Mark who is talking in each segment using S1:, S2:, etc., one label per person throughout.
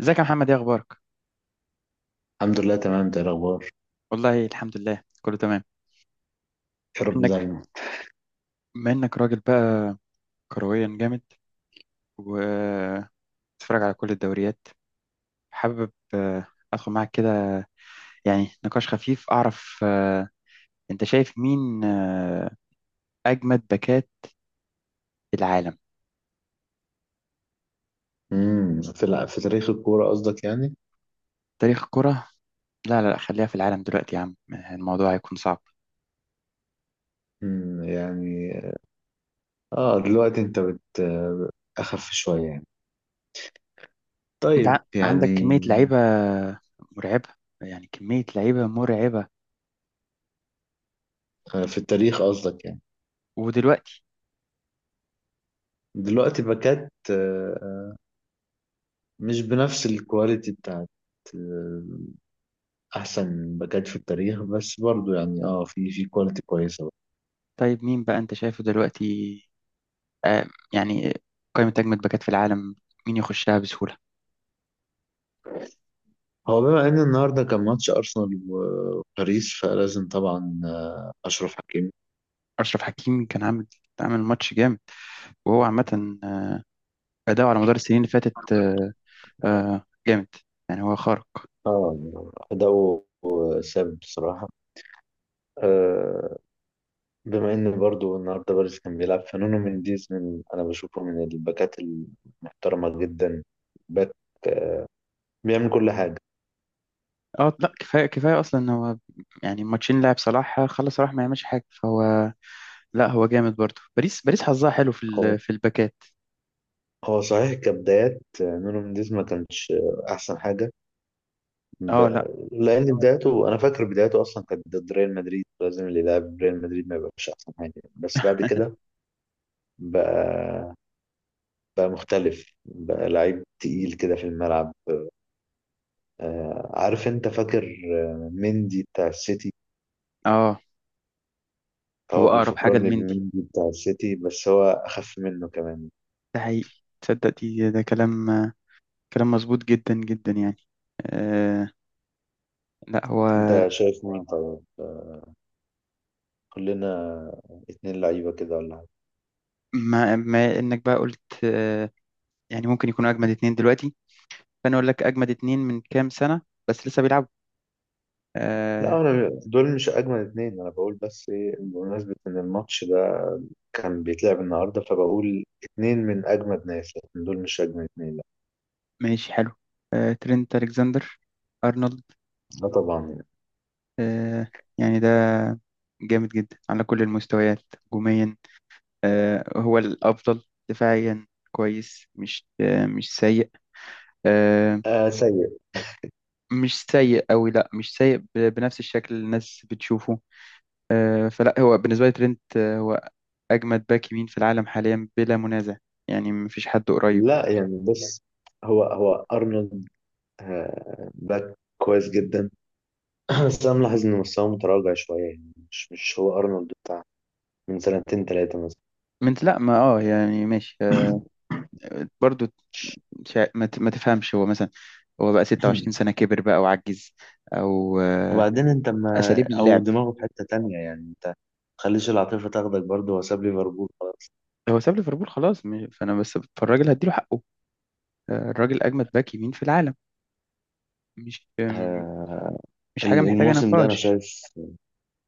S1: ازيك يا محمد؟ ايه اخبارك؟
S2: الحمد لله تمام، ده الاخبار.
S1: والله الحمد لله، كله تمام.
S2: يا رب
S1: بما انك
S2: دايما.
S1: بما انك راجل بقى كرويا جامد وتتفرج على كل الدوريات، حابب ادخل معاك كده يعني نقاش خفيف، اعرف انت شايف مين اجمد باكات العالم.
S2: في تاريخ الكوره قصدك يعني.
S1: تاريخ الكرة؟ لا لا لا، خليها في العالم دلوقتي يا عم، الموضوع هيكون صعب.
S2: يعني. اه دلوقتي انت اخف شويه يعني.
S1: انت
S2: طيب
S1: عندك
S2: يعني.
S1: كمية لعيبة مرعبة، يعني كمية لعيبة مرعبة.
S2: في التاريخ قصدك يعني.
S1: ودلوقتي
S2: دلوقتي باكات مش بنفس الكواليتي بتاعت آه، احسن باكات في التاريخ، بس برضو يعني في كواليتي كويسه بقى.
S1: طيب مين بقى انت شايفه دلوقتي، آه، يعني قائمة أجمد باكات في العالم مين يخشها بسهولة؟
S2: هو بما ان النهارده كان ماتش ارسنال و- وباريس فلازم طبعا اشرف حكيمي.
S1: أشرف حكيمي كان عامل ماتش جامد، وهو عامة أداؤه على مدار السنين اللي فاتت جامد، يعني هو خارق.
S2: اه أداؤه ثابت بصراحة. آه، بما إن برضو النهاردة باريس كان بيلعب فنونو منديز، من أنا بشوفه من الباكات المحترمة جدا. باك بيعمل كل حاجة.
S1: اه لا، كفاية كفاية أصلا إن هو، يعني الماتشين لعب صلاح، خلص صلاح ما يعملش حاجة، فهو لا، هو جامد برضه. باريس، باريس حظها حلو
S2: هو
S1: في الباكات.
S2: هو صحيح كبدايات نونو منديز ما كانش أحسن حاجة. ب...
S1: اه لا،
S2: لأن بدايته أنا فاكر بدايته أصلا كانت ضد ريال مدريد، لازم اللي يلعب ريال مدريد ما يبقاش أحسن حاجة. بس بعد كده بقى بقى مختلف، بقى لعيب تقيل كده في الملعب. عارف انت فاكر مندي بتاع السيتي.
S1: اه، هو
S2: هو
S1: أقرب حاجة
S2: بيفكرني
S1: لمندي،
S2: بمندي بتاع السيتي بس هو اخف منه كمان.
S1: ده حقيقي، تصدق دي، ده كلام مظبوط جدا جدا يعني. آه لا، هو
S2: انت شايف مين؟ طيب. كلنا اتنين لعيبة كده ولا حاجة.
S1: ما انك بقى قلت، يعني ممكن يكونوا اجمد اتنين دلوقتي، فانا اقول لك اجمد اتنين من كام سنة بس لسه بيلعبوا. آه
S2: لا، انا دول مش اجمل اتنين، انا بقول بس ايه بمناسبة ان الماتش ده كان بيتلعب النهاردة فبقول اتنين من اجمد ناس، لكن دول مش اجمل اتنين، لا.
S1: ماشي، حلو. ترينت الكسندر ارنولد،
S2: لا، طبعا يعني.
S1: آه يعني ده جامد جدا على كل المستويات، هجوميا هو الافضل، دفاعيا كويس، مش مش سيء، آه
S2: آه، سيء.
S1: مش سيء قوي، لا مش سيء بنفس الشكل اللي الناس بتشوفه. فلا، هو بالنسبة لي ترينت هو أجمد باك يمين في العالم حاليا بلا منازع، يعني مفيش حد قريب.
S2: لا يعني، بص. هو ارنولد باك كويس جدا. بس انا ملاحظ ان مستواه متراجع شويه، يعني مش هو ارنولد بتاع من سنتين ثلاثه مثلا.
S1: من لا، ما يعني ماشي برضو، ما تفهمش هو مثلا، هو بقى 26 سنة كبر بقى وعجز، أو
S2: وبعدين انت ما
S1: أساليب
S2: او
S1: اللعب.
S2: دماغه في حته تانية، يعني انت ما تخليش العاطفه تاخدك. برضه هو ساب ليفربول خلاص.
S1: هو ساب ليفربول خلاص، فأنا بس، فالراجل هديله حقه. الراجل أجمد باك يمين في العالم، مش
S2: آه،
S1: مش حاجة محتاجة
S2: الموسم ده انا
S1: نقاش.
S2: شايف.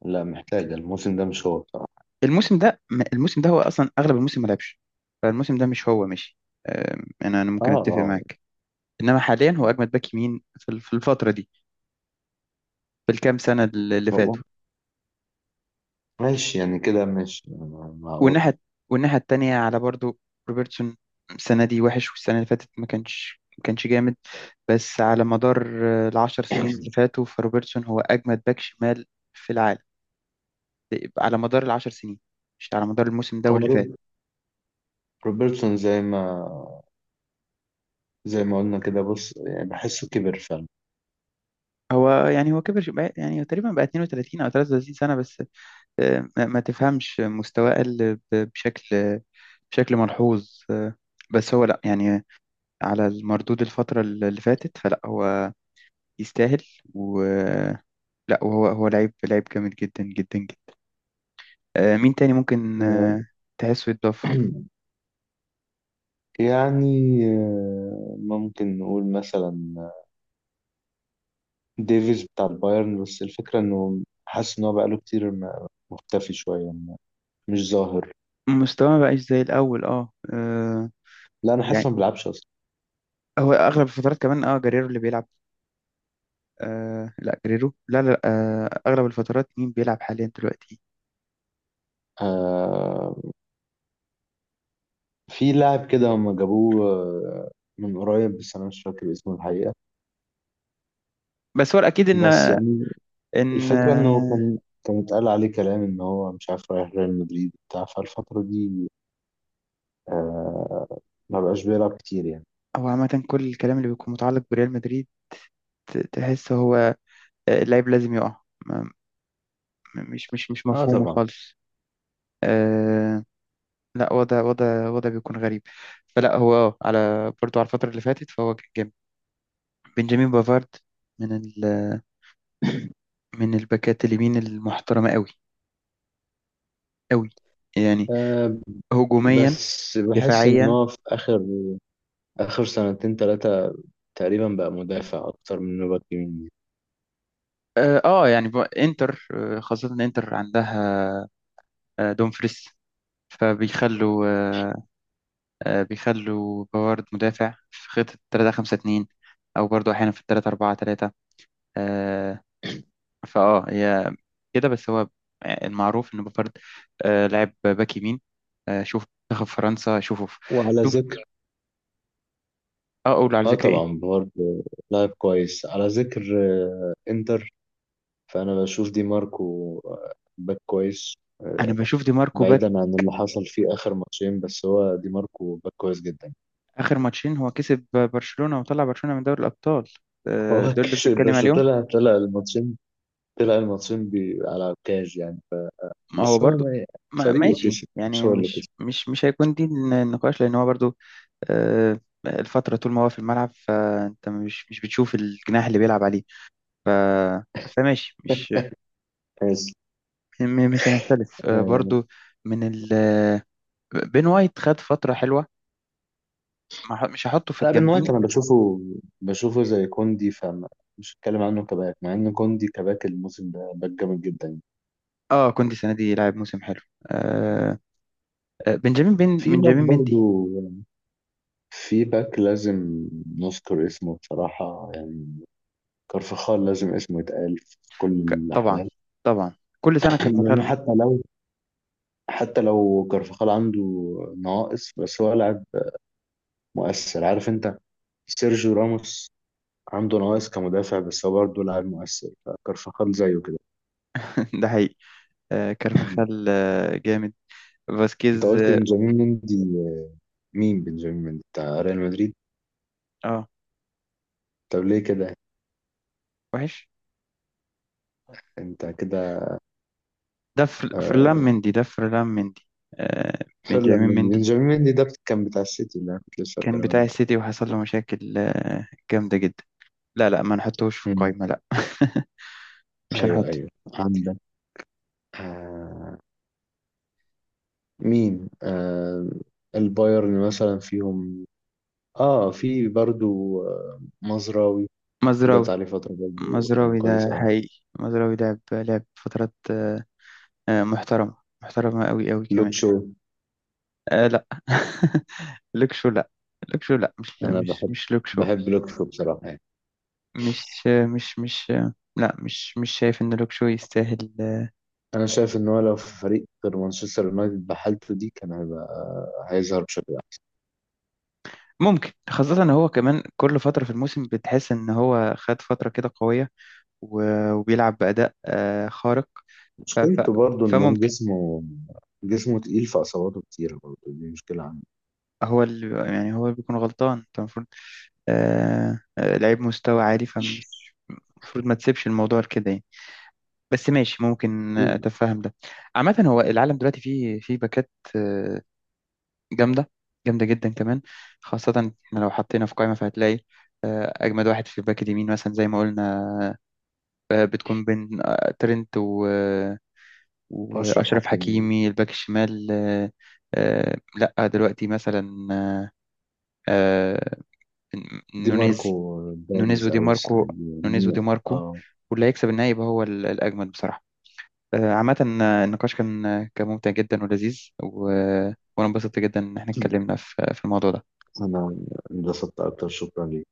S2: لا محتاجه. الموسم ده مش هو بصراحه.
S1: الموسم ده هو أصلا أغلب الموسم ما لعبش، فالموسم ده مش هو، ماشي. أنا
S2: اه،
S1: ممكن أتفق
S2: اه،
S1: معاك، انما حاليا هو اجمد باك يمين في الفتره دي، بالكام سنة اللي
S2: هو
S1: فاتوا.
S2: ماشي يعني، كده ماشي. أنا معقول.
S1: والناحية والناحية التانية على برضو، روبرتسون، السنة دي وحش والسنة اللي فاتت ما كانش جامد، بس على مدار العشر سنين اللي فاتوا فروبرتسون هو أجمد باك شمال في العالم، على مدار العشر سنين، مش على مدار الموسم ده
S2: هو
S1: واللي فات.
S2: روبرتسون زي ما قلنا كده. بص يعني بحسه كبر فعلا.
S1: هو يعني، هو كبر يعني هو تقريبا بقى 32 أو 33 سنة بس. ما تفهمش مستواه قل، بشكل ملحوظ بس هو لا يعني، على المردود الفترة اللي فاتت، فلا هو يستاهل. و لا، وهو لعيب، لعيب جامد جدا جدا جدا. مين تاني ممكن تحسه يتضاف؟
S2: يعني ممكن نقول مثلا ديفيز بتاع البايرن، بس الفكرة انه حاسس ان هو بقاله كتير مختفي شوية، مش ظاهر.
S1: مستواه ما بقاش زي الأول، اه
S2: لا انا حاسس إنه
S1: يعني
S2: ما بيلعبش اصلا.
S1: هو أغلب الفترات كمان، اه، جريرو اللي بيلعب. لا، جريرو لا لا. أغلب الفترات مين بيلعب حاليا دلوقتي؟
S2: آه في لاعب كده هم جابوه من قريب، بس انا مش فاكر اسمه الحقيقة.
S1: بس هو الأكيد إن
S2: بس يعني
S1: إن
S2: الفكرة انه كان اتقال عليه كلام ان هو مش عارف رايح ريال مدريد بتاع فالفترة دي. آه ما بقاش بيلعب كتير يعني.
S1: هو عامة كل الكلام اللي بيكون متعلق بريال مدريد، تحس هو اللعيب لازم يقع، مش
S2: اه،
S1: مفهومه
S2: طبعا.
S1: خالص. آه، لا، وضع بيكون غريب. فلا هو، اه، على برضو على الفترة اللي فاتت فهو كان جامد. بنجامين بافارد من ال من الباكات اليمين المحترمة قوي، قوي يعني،
S2: آه
S1: هجوميا،
S2: بس بحس ان
S1: دفاعيا.
S2: هو في آخر سنتين تلاتة تقريبا بقى مدافع أكتر من إنه باك يمين.
S1: اه يعني انتر، خاصة إن انتر عندها دومفريس، فبيخلوا آه، بيخلوا بافارد مدافع في خطة 3 5 2، او برضو احيانا في 3 4 3. فاه، هي كده، بس هو المعروف ان بوفارد لعب باك يمين. شوف منتخب فرنسا، شوفه
S2: وعلى
S1: شوف.
S2: ذكر،
S1: اه، اقول على ذكر ايه؟
S2: طبعا برضه لاعب كويس. على ذكر إنتر، فأنا بشوف دي ماركو باك كويس.
S1: انا
S2: آه،
S1: بشوف دي ماركو باك.
S2: بعيدا عن اللي حصل فيه آخر ماتشين بس هو دي ماركو باك كويس جدا.
S1: اخر ماتشين هو كسب برشلونة وطلع برشلونة من دوري الابطال،
S2: هو
S1: دول اللي
S2: كسب،
S1: بتتكلم
S2: بس
S1: عليهم؟
S2: طلع الماتشين، طلع الماتشين بي على الكاج يعني.
S1: ما هو
S2: بس هو
S1: برضو،
S2: ما-
S1: ما
S2: فريقه
S1: ماشي
S2: كسب مش
S1: يعني،
S2: هو اللي كسب.
S1: مش هيكون دي النقاش، لان هو برضو آه الفترة طول ما هو في الملعب فانت مش بتشوف الجناح اللي بيلعب عليه، فماشي،
S2: بس
S1: مش هنختلف
S2: آه،
S1: برضو. من ال آه، بين وايت خد فترة حلوة، ما ح- مش هحطه في
S2: لا، بن
S1: الجامدين.
S2: وايت انا بشوفه، بشوفه زي كوندي فمش هتكلم عنه كباك، مع ان كوندي كباك الموسم ده باك جامد جدا.
S1: اه، كوندي السنة دي لعب موسم حلو. آه بنجامين
S2: في باك
S1: بنجامين مندي.
S2: برضو في باك لازم نذكر اسمه بصراحة يعني. كارفخال لازم اسمه يتقال في كل
S1: طبعا،
S2: الأحوال.
S1: طبعا، كل سنة
S2: لأنه
S1: كارفاخال.
S2: حتى لو كارفخال عنده نواقص، بس هو لاعب مؤثر. عارف أنت سيرجيو راموس عنده نواقص كمدافع بس هو برضه لاعب مؤثر، فكارفخال زيه كده.
S1: ده حقيقي، كارفاخال جامد.
S2: أنت
S1: فاسكيز،
S2: قلت
S1: اه
S2: بنجامين مندي؟ مين بنجامين مندي بتاع ريال مدريد؟
S1: آه،
S2: طب ليه كده؟
S1: وحش.
S2: انت كده.
S1: فرلان
S2: آه
S1: مندي، ده فرلان مندي.
S2: فعلا،
S1: بنجامين
S2: من
S1: مندي
S2: بنجامين مندي ده كان بتاع السيتي اللي انا كنت لسه
S1: كان
S2: بتكلم
S1: بتاع
S2: عنه.
S1: السيتي وحصل له مشاكل جامدة جدا. لا لا، ما نحطوش في
S2: مم.
S1: القايمة، لا. مش
S2: ايوه،
S1: هنحطه.
S2: ايوه، عندك. آه. مين؟ البايرن مثلا فيهم اه في برضو مزراوي.
S1: مزراوي،
S2: جت عليه فترة برضو كان
S1: مزراوي
S2: كويس
S1: ده
S2: أوي.
S1: حقيقي. مزراوي لعب فترات محترمة، محترمة أوي أوي كمان.
S2: لوكشو.
S1: لا، لوكشو لا، لوكشو لا، مش
S2: أنا
S1: مش مش لوكشو.
S2: بحب لوكشو بصراحة يعني.
S1: مش لا، مش شايف إن لوكشو يستاهل
S2: أنا شايف إن هو لو في فريق غير مانشستر يونايتد بحالته دي كان هيبقى هيظهر بشكل.
S1: ممكن، خاصة إن هو كمان كل فترة في الموسم بتحس إن هو خد فترة كده قوية، وبيلعب بأداء خارق. ف- ف-
S2: مشكلته برضه إن هو
S1: فممكن،
S2: جسمه تقيل فإصاباته كتيرة برضه، دي مشكلة عنده.
S1: هو اللي يعني، هو اللي بيكون غلطان، انت المفروض لعيب مستوى عالي المفروض ما تسيبش الموضوع لكده يعني. بس ماشي، ممكن اتفهم ده. عامة هو العالم دلوقتي فيه باكات آه، جامدة، جامدة جدا كمان، خاصة إحنا لو حطينا في قائمة فهتلاقي أجمد واحد في الباك اليمين مثلا زي ما قلنا، بتكون بين ترنت
S2: أشرف
S1: وأشرف
S2: حكيمي،
S1: حكيمي. الباك الشمال لأ دلوقتي مثلا، آه،
S2: دي ماركو
S1: نونيز
S2: بارز
S1: نونيز ودي
S2: أوي السنة
S1: ماركو
S2: دي
S1: نونيز ودي
S2: يعني،
S1: ماركو،
S2: اه.
S1: واللي هيكسب النهائي يبقى هو الأجمد بصراحة. عامة، النقاش كان كان ممتع جدا ولذيذ، و... آه، وأنا انبسطت جدا إن احنا اتكلمنا في الموضوع ده.
S2: أنا انبسطت أكتر، شكرا ليك.